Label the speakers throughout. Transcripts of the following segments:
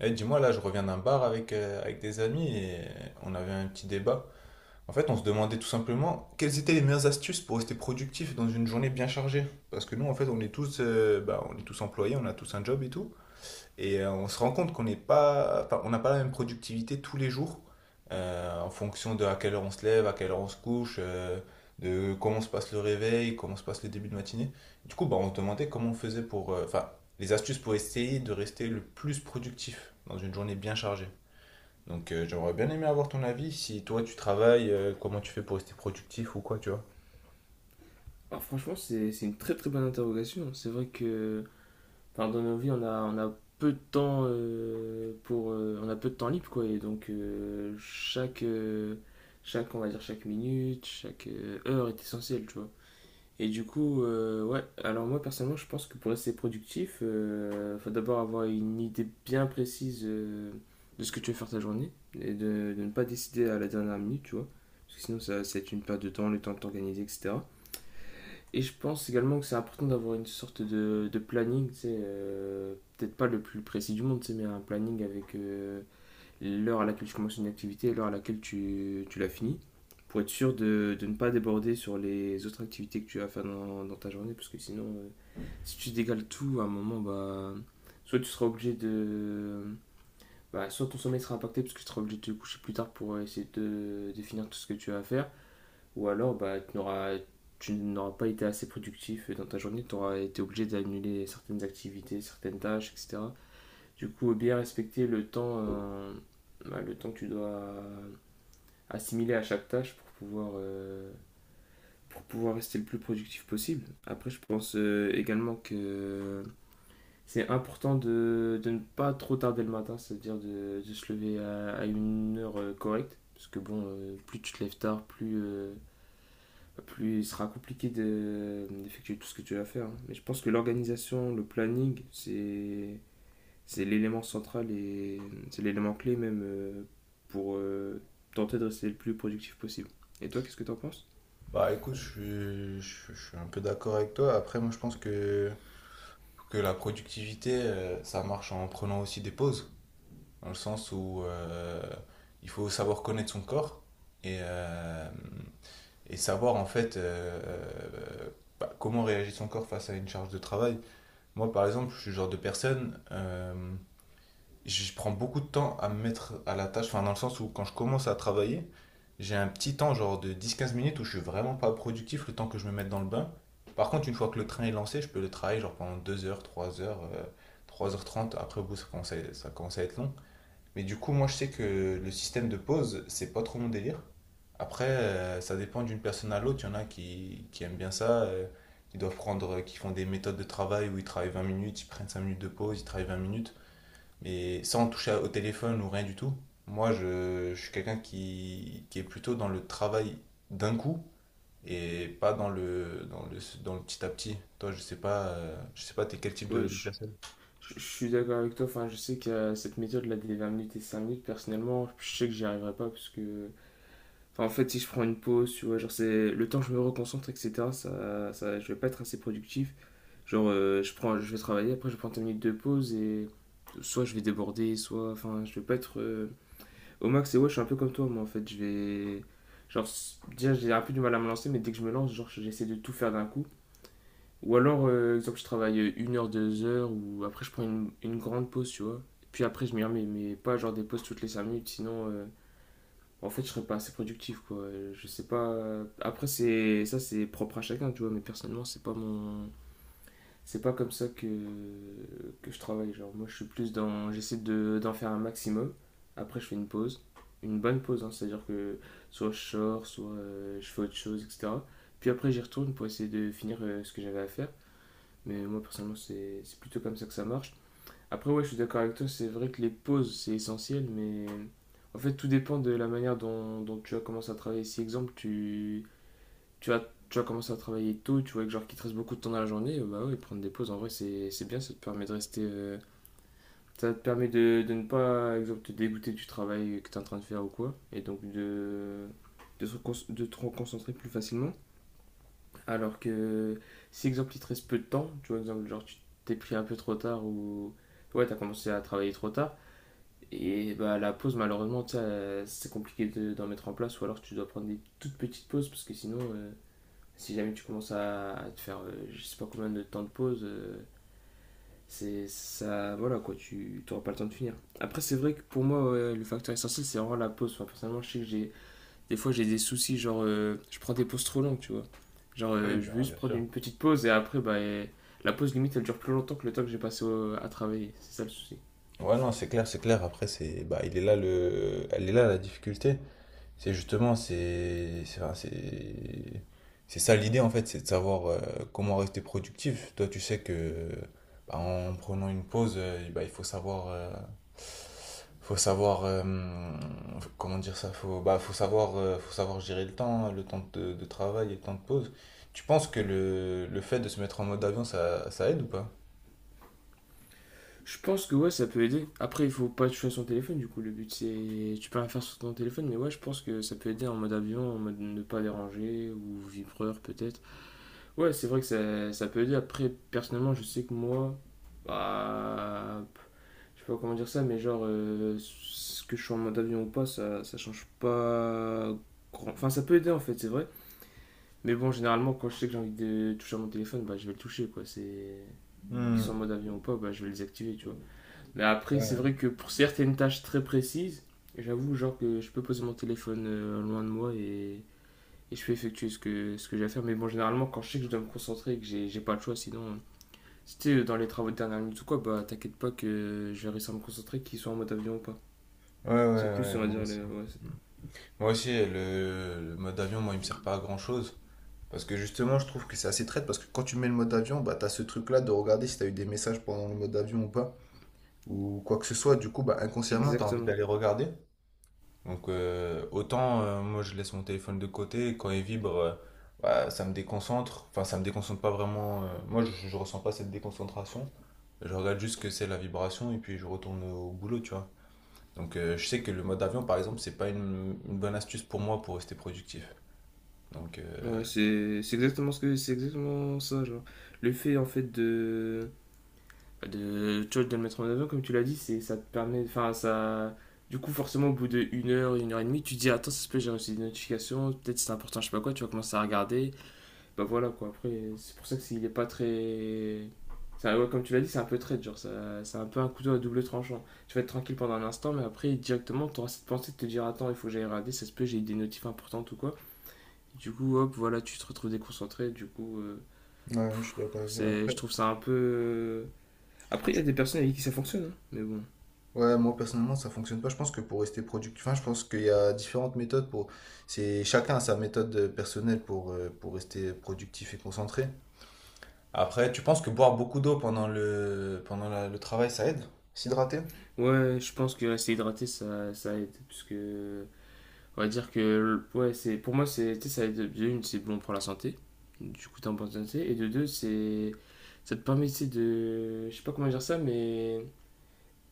Speaker 1: Eh, dis-moi, là, je reviens d'un bar avec, avec des amis et on avait un petit débat. En fait, on se demandait tout simplement quelles étaient les meilleures astuces pour rester productif dans une journée bien chargée. Parce que nous, en fait, on est tous, on est tous employés, on a tous un job et tout. Et on se rend compte qu'on n'est pas, enfin, on n'a pas la même productivité tous les jours, en fonction de à quelle heure on se lève, à quelle heure on se couche, de comment se passe le réveil, comment se passe les débuts de matinée. Du coup, bah, on se demandait comment on faisait pour, enfin, les astuces pour essayer de rester le plus productif dans une journée bien chargée. Donc, j'aurais bien aimé avoir ton avis. Si toi tu travailles, comment tu fais pour rester productif ou quoi, tu vois?
Speaker 2: Alors franchement, c'est une très très bonne interrogation. C'est vrai que, enfin, dans nos vies, on a peu de temps, pour on a peu de temps libre, quoi, et donc, chaque on va dire chaque minute, chaque heure est essentielle, tu vois. Et du coup, ouais, alors moi personnellement, je pense que pour rester productif, il faut d'abord avoir une idée bien précise, de ce que tu veux faire ta journée et de ne pas décider à la dernière minute, tu vois. Parce que sinon, ça va être une perte de temps, le temps de t'organiser, etc. Et je pense également que c'est important d'avoir une sorte de planning, tu sais, peut-être pas le plus précis du monde, tu sais, mais un planning avec l'heure à laquelle tu commences une activité et l'heure à laquelle tu l'as finis, pour être sûr de ne pas déborder sur les autres activités que tu vas faire dans ta journée, parce que sinon, si tu dégales tout à un moment, bah, soit tu seras obligé de... Bah, soit ton sommeil sera impacté parce que tu seras obligé de te coucher plus tard pour essayer de définir tout ce que tu vas faire. Ou alors, bah, tu n'auras pas été assez productif dans ta journée, tu auras été obligé d'annuler certaines activités, certaines tâches, etc. Du coup, bien respecter le temps, bah, le temps que tu dois, assimiler à chaque tâche pour pouvoir rester le plus productif possible. Après, je pense, également que c'est important de ne pas trop tarder le matin, c'est-à-dire de se lever à une heure correcte. Parce que bon, plus tu te lèves tard, plus, plus il sera compliqué d'effectuer tout ce que tu vas faire, hein. Mais je pense que l'organisation, le planning, c'est l'élément central et c'est l'élément clé même, pour tenter de rester le plus productif possible. Et toi, qu'est-ce que t'en penses?
Speaker 1: Bah écoute, je suis un peu d'accord avec toi. Après, moi je pense que la productivité, ça marche en prenant aussi des pauses, dans le sens où il faut savoir connaître son corps et et savoir en fait comment réagit son corps face à une charge de travail. Moi, par exemple, je suis le genre de personne, je prends beaucoup de temps à me mettre à la tâche, enfin dans le sens où quand je commence à travailler, j'ai un petit temps genre de 10 15 minutes où je suis vraiment pas productif le temps que je me mette dans le bain. Par contre, une fois que le train est lancé, je peux le travailler genre pendant 2 heures, 3 heures, 3h30. Après, au bout, ça commence à être long. Mais du coup, moi, je sais que le système de pause, c'est pas trop mon délire. Après, ça dépend d'une personne à l'autre. Il y en a qui aiment bien ça, qui font des méthodes de travail où ils travaillent 20 minutes, ils prennent 5 minutes de pause, ils travaillent 20 minutes mais sans toucher au téléphone ou rien du tout. Moi, je suis quelqu'un qui est plutôt dans le travail d'un coup et pas dans le petit à petit. Toi, je sais pas, t'es quel type
Speaker 2: Ouais,
Speaker 1: de
Speaker 2: je,
Speaker 1: personne?
Speaker 2: je- je suis d'accord avec toi. Enfin, je sais que, cette méthode là des 20 minutes et 5 minutes, personnellement, je sais que j'y arriverai pas parce que. Enfin, en fait, si je prends une pause, tu vois, genre c'est le temps que je me reconcentre, etc., je vais pas être assez productif. Genre, je vais travailler, après je prends 10 minutes de pause et soit je vais déborder, soit. Enfin, je vais pas être, au max. Et ouais, je suis un peu comme toi, moi en fait. Je vais. Genre, déjà, j'ai un peu du mal à me lancer, mais dès que je me lance, genre, j'essaie de tout faire d'un coup. Ou alors, exemple, je travaille, 1 heure, 2 heures, ou après je prends une grande pause, tu vois. Puis après, je m'y remets, mais pas genre des pauses toutes les 5 minutes, sinon, en fait, je serais pas assez productif, quoi. Je sais pas. Après, c'est ça, c'est propre à chacun, tu vois. Mais personnellement, c'est pas comme ça que je travaille. Genre, moi, je suis plus dans. J'essaie d'en faire un maximum. Après, je fais une pause. Une bonne pause, hein, c'est-à-dire que soit je sors, soit, je fais autre chose, etc. Puis après, j'y retourne pour essayer de finir, ce que j'avais à faire. Mais moi, personnellement, c'est plutôt comme ça que ça marche. Après, ouais, je suis d'accord avec toi, c'est vrai que les pauses, c'est essentiel, mais en fait, tout dépend de la manière dont tu as commencé à travailler. Si, exemple, tu vas, tu vas commencer à travailler tôt, tu vois, que genre qu'il te reste beaucoup de temps dans la journée, bah ouais, prendre des pauses, en vrai, c'est bien, ça te permet de rester, ça te permet de ne pas, exemple, te dégoûter du travail que tu es en train de faire ou quoi, et donc de te reconcentrer plus facilement. Alors que si, exemple, il te reste peu de temps, tu vois, exemple, genre, tu t'es pris un peu trop tard ou. Ouais, t'as commencé à travailler trop tard. Et bah, la pause, malheureusement, tu sais, c'est compliqué d'en mettre en place, ou alors tu dois prendre des toutes petites pauses parce que sinon, si jamais tu commences à te faire, je sais pas combien de temps de pause, c'est ça, voilà quoi, tu n'auras pas le temps de finir. Après, c'est vrai que pour moi, ouais, le facteur essentiel, c'est vraiment la pause. Enfin, personnellement, je sais que j'ai des fois j'ai des soucis, genre, je prends des pauses trop longues, tu vois. Genre,
Speaker 1: Ah oui,
Speaker 2: je veux
Speaker 1: bah,
Speaker 2: juste
Speaker 1: bien
Speaker 2: prendre
Speaker 1: sûr.
Speaker 2: une petite pause et après, bah, et la pause limite elle dure plus longtemps que le temps que j'ai passé à travailler, c'est ça le souci.
Speaker 1: Ouais, non, c'est clair, c'est clair. Après, c'est, bah, il est là le, elle est là la difficulté. C'est justement, c'est enfin, c'est ça l'idée en fait, c'est de savoir comment rester productif. Toi, tu sais que bah, en prenant une pause, il faut savoir, faut savoir euh, comment dire ça, faut savoir gérer le temps de travail et le temps de pause. Tu penses que le fait de se mettre en mode avion, ça aide ou pas?
Speaker 2: Je pense que ouais, ça peut aider. Après, il faut pas toucher à son téléphone, du coup, le but c'est. Tu peux rien faire sur ton téléphone, mais ouais, je pense que ça peut aider en mode avion, en mode ne pas déranger, ou vibreur peut-être. Ouais, c'est vrai que ça peut aider. Après, personnellement, je sais que moi. Bah. Je sais pas comment dire ça, mais genre, ce que je suis en mode avion ou pas, ça change pas. Enfin, ça peut aider en fait, c'est vrai. Mais bon, généralement, quand je sais que j'ai envie de toucher à mon téléphone, bah je vais le toucher, quoi. C'est. Qu'ils
Speaker 1: Hmm.
Speaker 2: sont en mode avion ou pas, bah je vais les activer, tu vois. Mais après, c'est vrai
Speaker 1: Ouais,
Speaker 2: que pour certaines tâches très précises, j'avoue, genre que je peux poser mon téléphone, loin de moi et je peux effectuer ce que j'ai à faire. Mais bon, généralement, quand je sais que je dois me concentrer et que j'ai pas le choix, sinon, c'était dans les travaux de dernière minute ou quoi, bah t'inquiète pas que je vais réussir à me concentrer, qu'ils soient en mode avion ou pas.
Speaker 1: Ouais,
Speaker 2: C'est
Speaker 1: ouais,
Speaker 2: plus, on
Speaker 1: ouais,
Speaker 2: va
Speaker 1: moi
Speaker 2: dire,
Speaker 1: aussi.
Speaker 2: le... ouais,
Speaker 1: Moi aussi, le mode avion, moi, il me sert pas à grand-chose. Parce que justement, je trouve que c'est assez traite. Parce que quand tu mets le mode avion, bah, t'as ce truc-là de regarder si t'as eu des messages pendant le mode avion ou pas. Ou quoi que ce soit. Du coup, bah, inconsciemment, t'as envie
Speaker 2: exactement.
Speaker 1: d'aller regarder. Donc, moi, je laisse mon téléphone de côté. Et quand il vibre, bah, ça me déconcentre. Enfin, ça me déconcentre pas vraiment. Moi, je ressens pas cette déconcentration. Je regarde juste ce que c'est la vibration. Et puis, je retourne au boulot, tu vois. Donc je sais que le mode avion, par exemple, c'est pas une, une bonne astuce pour moi pour rester productif. Donc euh,
Speaker 2: Ouais, c'est exactement ça, genre. Le fait en fait tu vois, de le mettre en avant, comme tu l'as dit, c'est, ça te permet. Enfin, ça. Du coup, forcément, au bout de 1 heure, 1 heure et demie, tu te dis: attends, ça se peut, j'ai reçu des notifications, peut-être c'est important, je sais pas quoi, tu vas commencer à regarder. Bah voilà quoi, après, c'est pour ça que il est pas très. Ça, ouais, comme tu l'as dit, c'est un peu trade, genre, ça, c'est un peu un couteau à double tranchant. Tu vas être tranquille pendant un instant, mais après, directement, tu auras cette pensée de te dire: attends, il faut que j'aille regarder, ça se peut, j'ai eu des notifs importantes ou quoi. Du coup, hop, voilà, tu te retrouves déconcentré, du coup,
Speaker 1: Ouais, je suis d'accord avec toi.
Speaker 2: c'est,
Speaker 1: Après,
Speaker 2: je trouve ça un peu. Après, il y a des personnes avec qui ça fonctionne, hein, mais bon.
Speaker 1: ouais, moi personnellement, ça fonctionne pas. Je pense que pour rester productif, enfin, je pense qu'il y a différentes méthodes pour. C'est chacun a sa méthode personnelle pour rester productif et concentré. Après, tu penses que boire beaucoup d'eau pendant le travail, ça aide? S'hydrater?
Speaker 2: Ouais, je pense que rester hydraté, ça aide. Parce que, on va dire que, ouais, c'est, pour moi, c'est, tu sais, ça aide. De une, c'est bon pour la santé. Du coup, t'es en bonne santé. Et de deux, c'est, ça te permet, tu sais, de, je sais pas comment dire ça, mais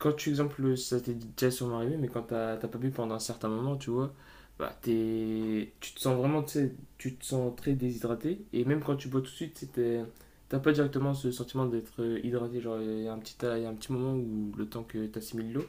Speaker 2: quand tu, exemple, ça t'est déjà sûrement arrivé, mais quand t'as pas bu pendant un certain moment, tu vois, bah, t'es, tu te sens vraiment, tu sais, tu te sens très déshydraté. Et même quand tu bois tout de suite, tu sais, t'as pas directement ce sentiment d'être, hydraté. Genre, il y a un petit moment où le temps que t'assimiles l'eau.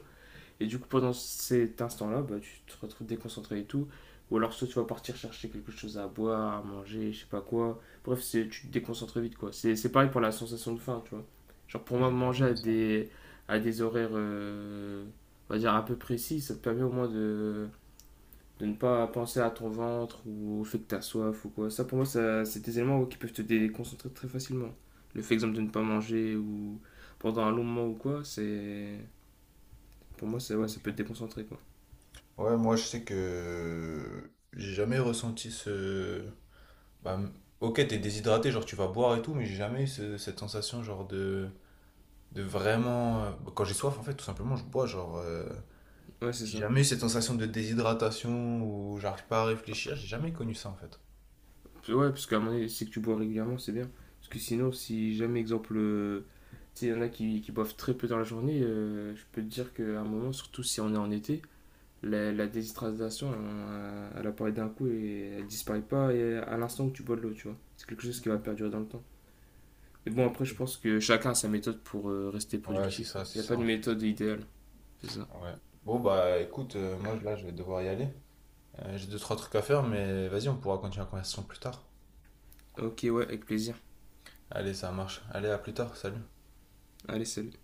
Speaker 2: Et du coup, pendant cet instant-là, bah, tu te retrouves déconcentré et tout. Ou alors, soit tu vas partir chercher quelque chose à boire, à manger, je sais pas quoi. Bref, c'est, tu te déconcentres vite, quoi. C'est pareil pour la sensation de faim, tu vois. Genre, pour
Speaker 1: Ah,
Speaker 2: moi,
Speaker 1: j'ai jamais
Speaker 2: manger à
Speaker 1: vu ça.
Speaker 2: des, à des horaires, on va dire, un peu précis, ça te permet au moins de ne pas penser à ton ventre ou au fait que t'as soif ou quoi. Ça, pour moi, ça, c'est des éléments, ouais, qui peuvent te déconcentrer très facilement. Le fait, exemple, de ne pas manger ou pendant un long moment ou quoi, c'est... Pour moi, c'est, ouais, ça peut te
Speaker 1: Ok.
Speaker 2: déconcentrer, quoi.
Speaker 1: Ouais, moi je sais que j'ai jamais ressenti ce, bah, ok, t'es déshydraté, genre tu vas boire et tout, mais j'ai jamais eu cette sensation genre de vraiment... Quand j'ai soif, en fait, tout simplement, je bois, genre...
Speaker 2: Ouais, c'est
Speaker 1: J'ai
Speaker 2: ça.
Speaker 1: jamais eu cette sensation de déshydratation où j'arrive pas à
Speaker 2: Ouais,
Speaker 1: réfléchir, j'ai jamais connu ça, en fait.
Speaker 2: ouais, parce qu'à un moment donné, c'est que tu bois régulièrement, c'est bien. Parce que sinon, si jamais, exemple, tu sais, il y en a qui boivent très peu dans la journée, je peux te dire qu'à un moment, surtout si on est en été, la déshydratation, elle apparaît d'un coup et elle disparaît pas et à l'instant que tu bois de l'eau, tu vois. C'est quelque chose qui va perdurer dans le temps. Mais bon, après, je pense que chacun a sa méthode pour, rester
Speaker 1: Ouais,
Speaker 2: productif.
Speaker 1: c'est
Speaker 2: Il n'y a pas
Speaker 1: ça,
Speaker 2: de
Speaker 1: en fait.
Speaker 2: méthode idéale, c'est ça.
Speaker 1: Ouais. Bon, bah écoute, moi là, je vais devoir y aller. J'ai deux, trois trucs à faire, mais vas-y, on pourra continuer la conversation plus tard.
Speaker 2: Ok, ouais, avec plaisir.
Speaker 1: Allez, ça marche. Allez, à plus tard, salut.
Speaker 2: Allez, salut.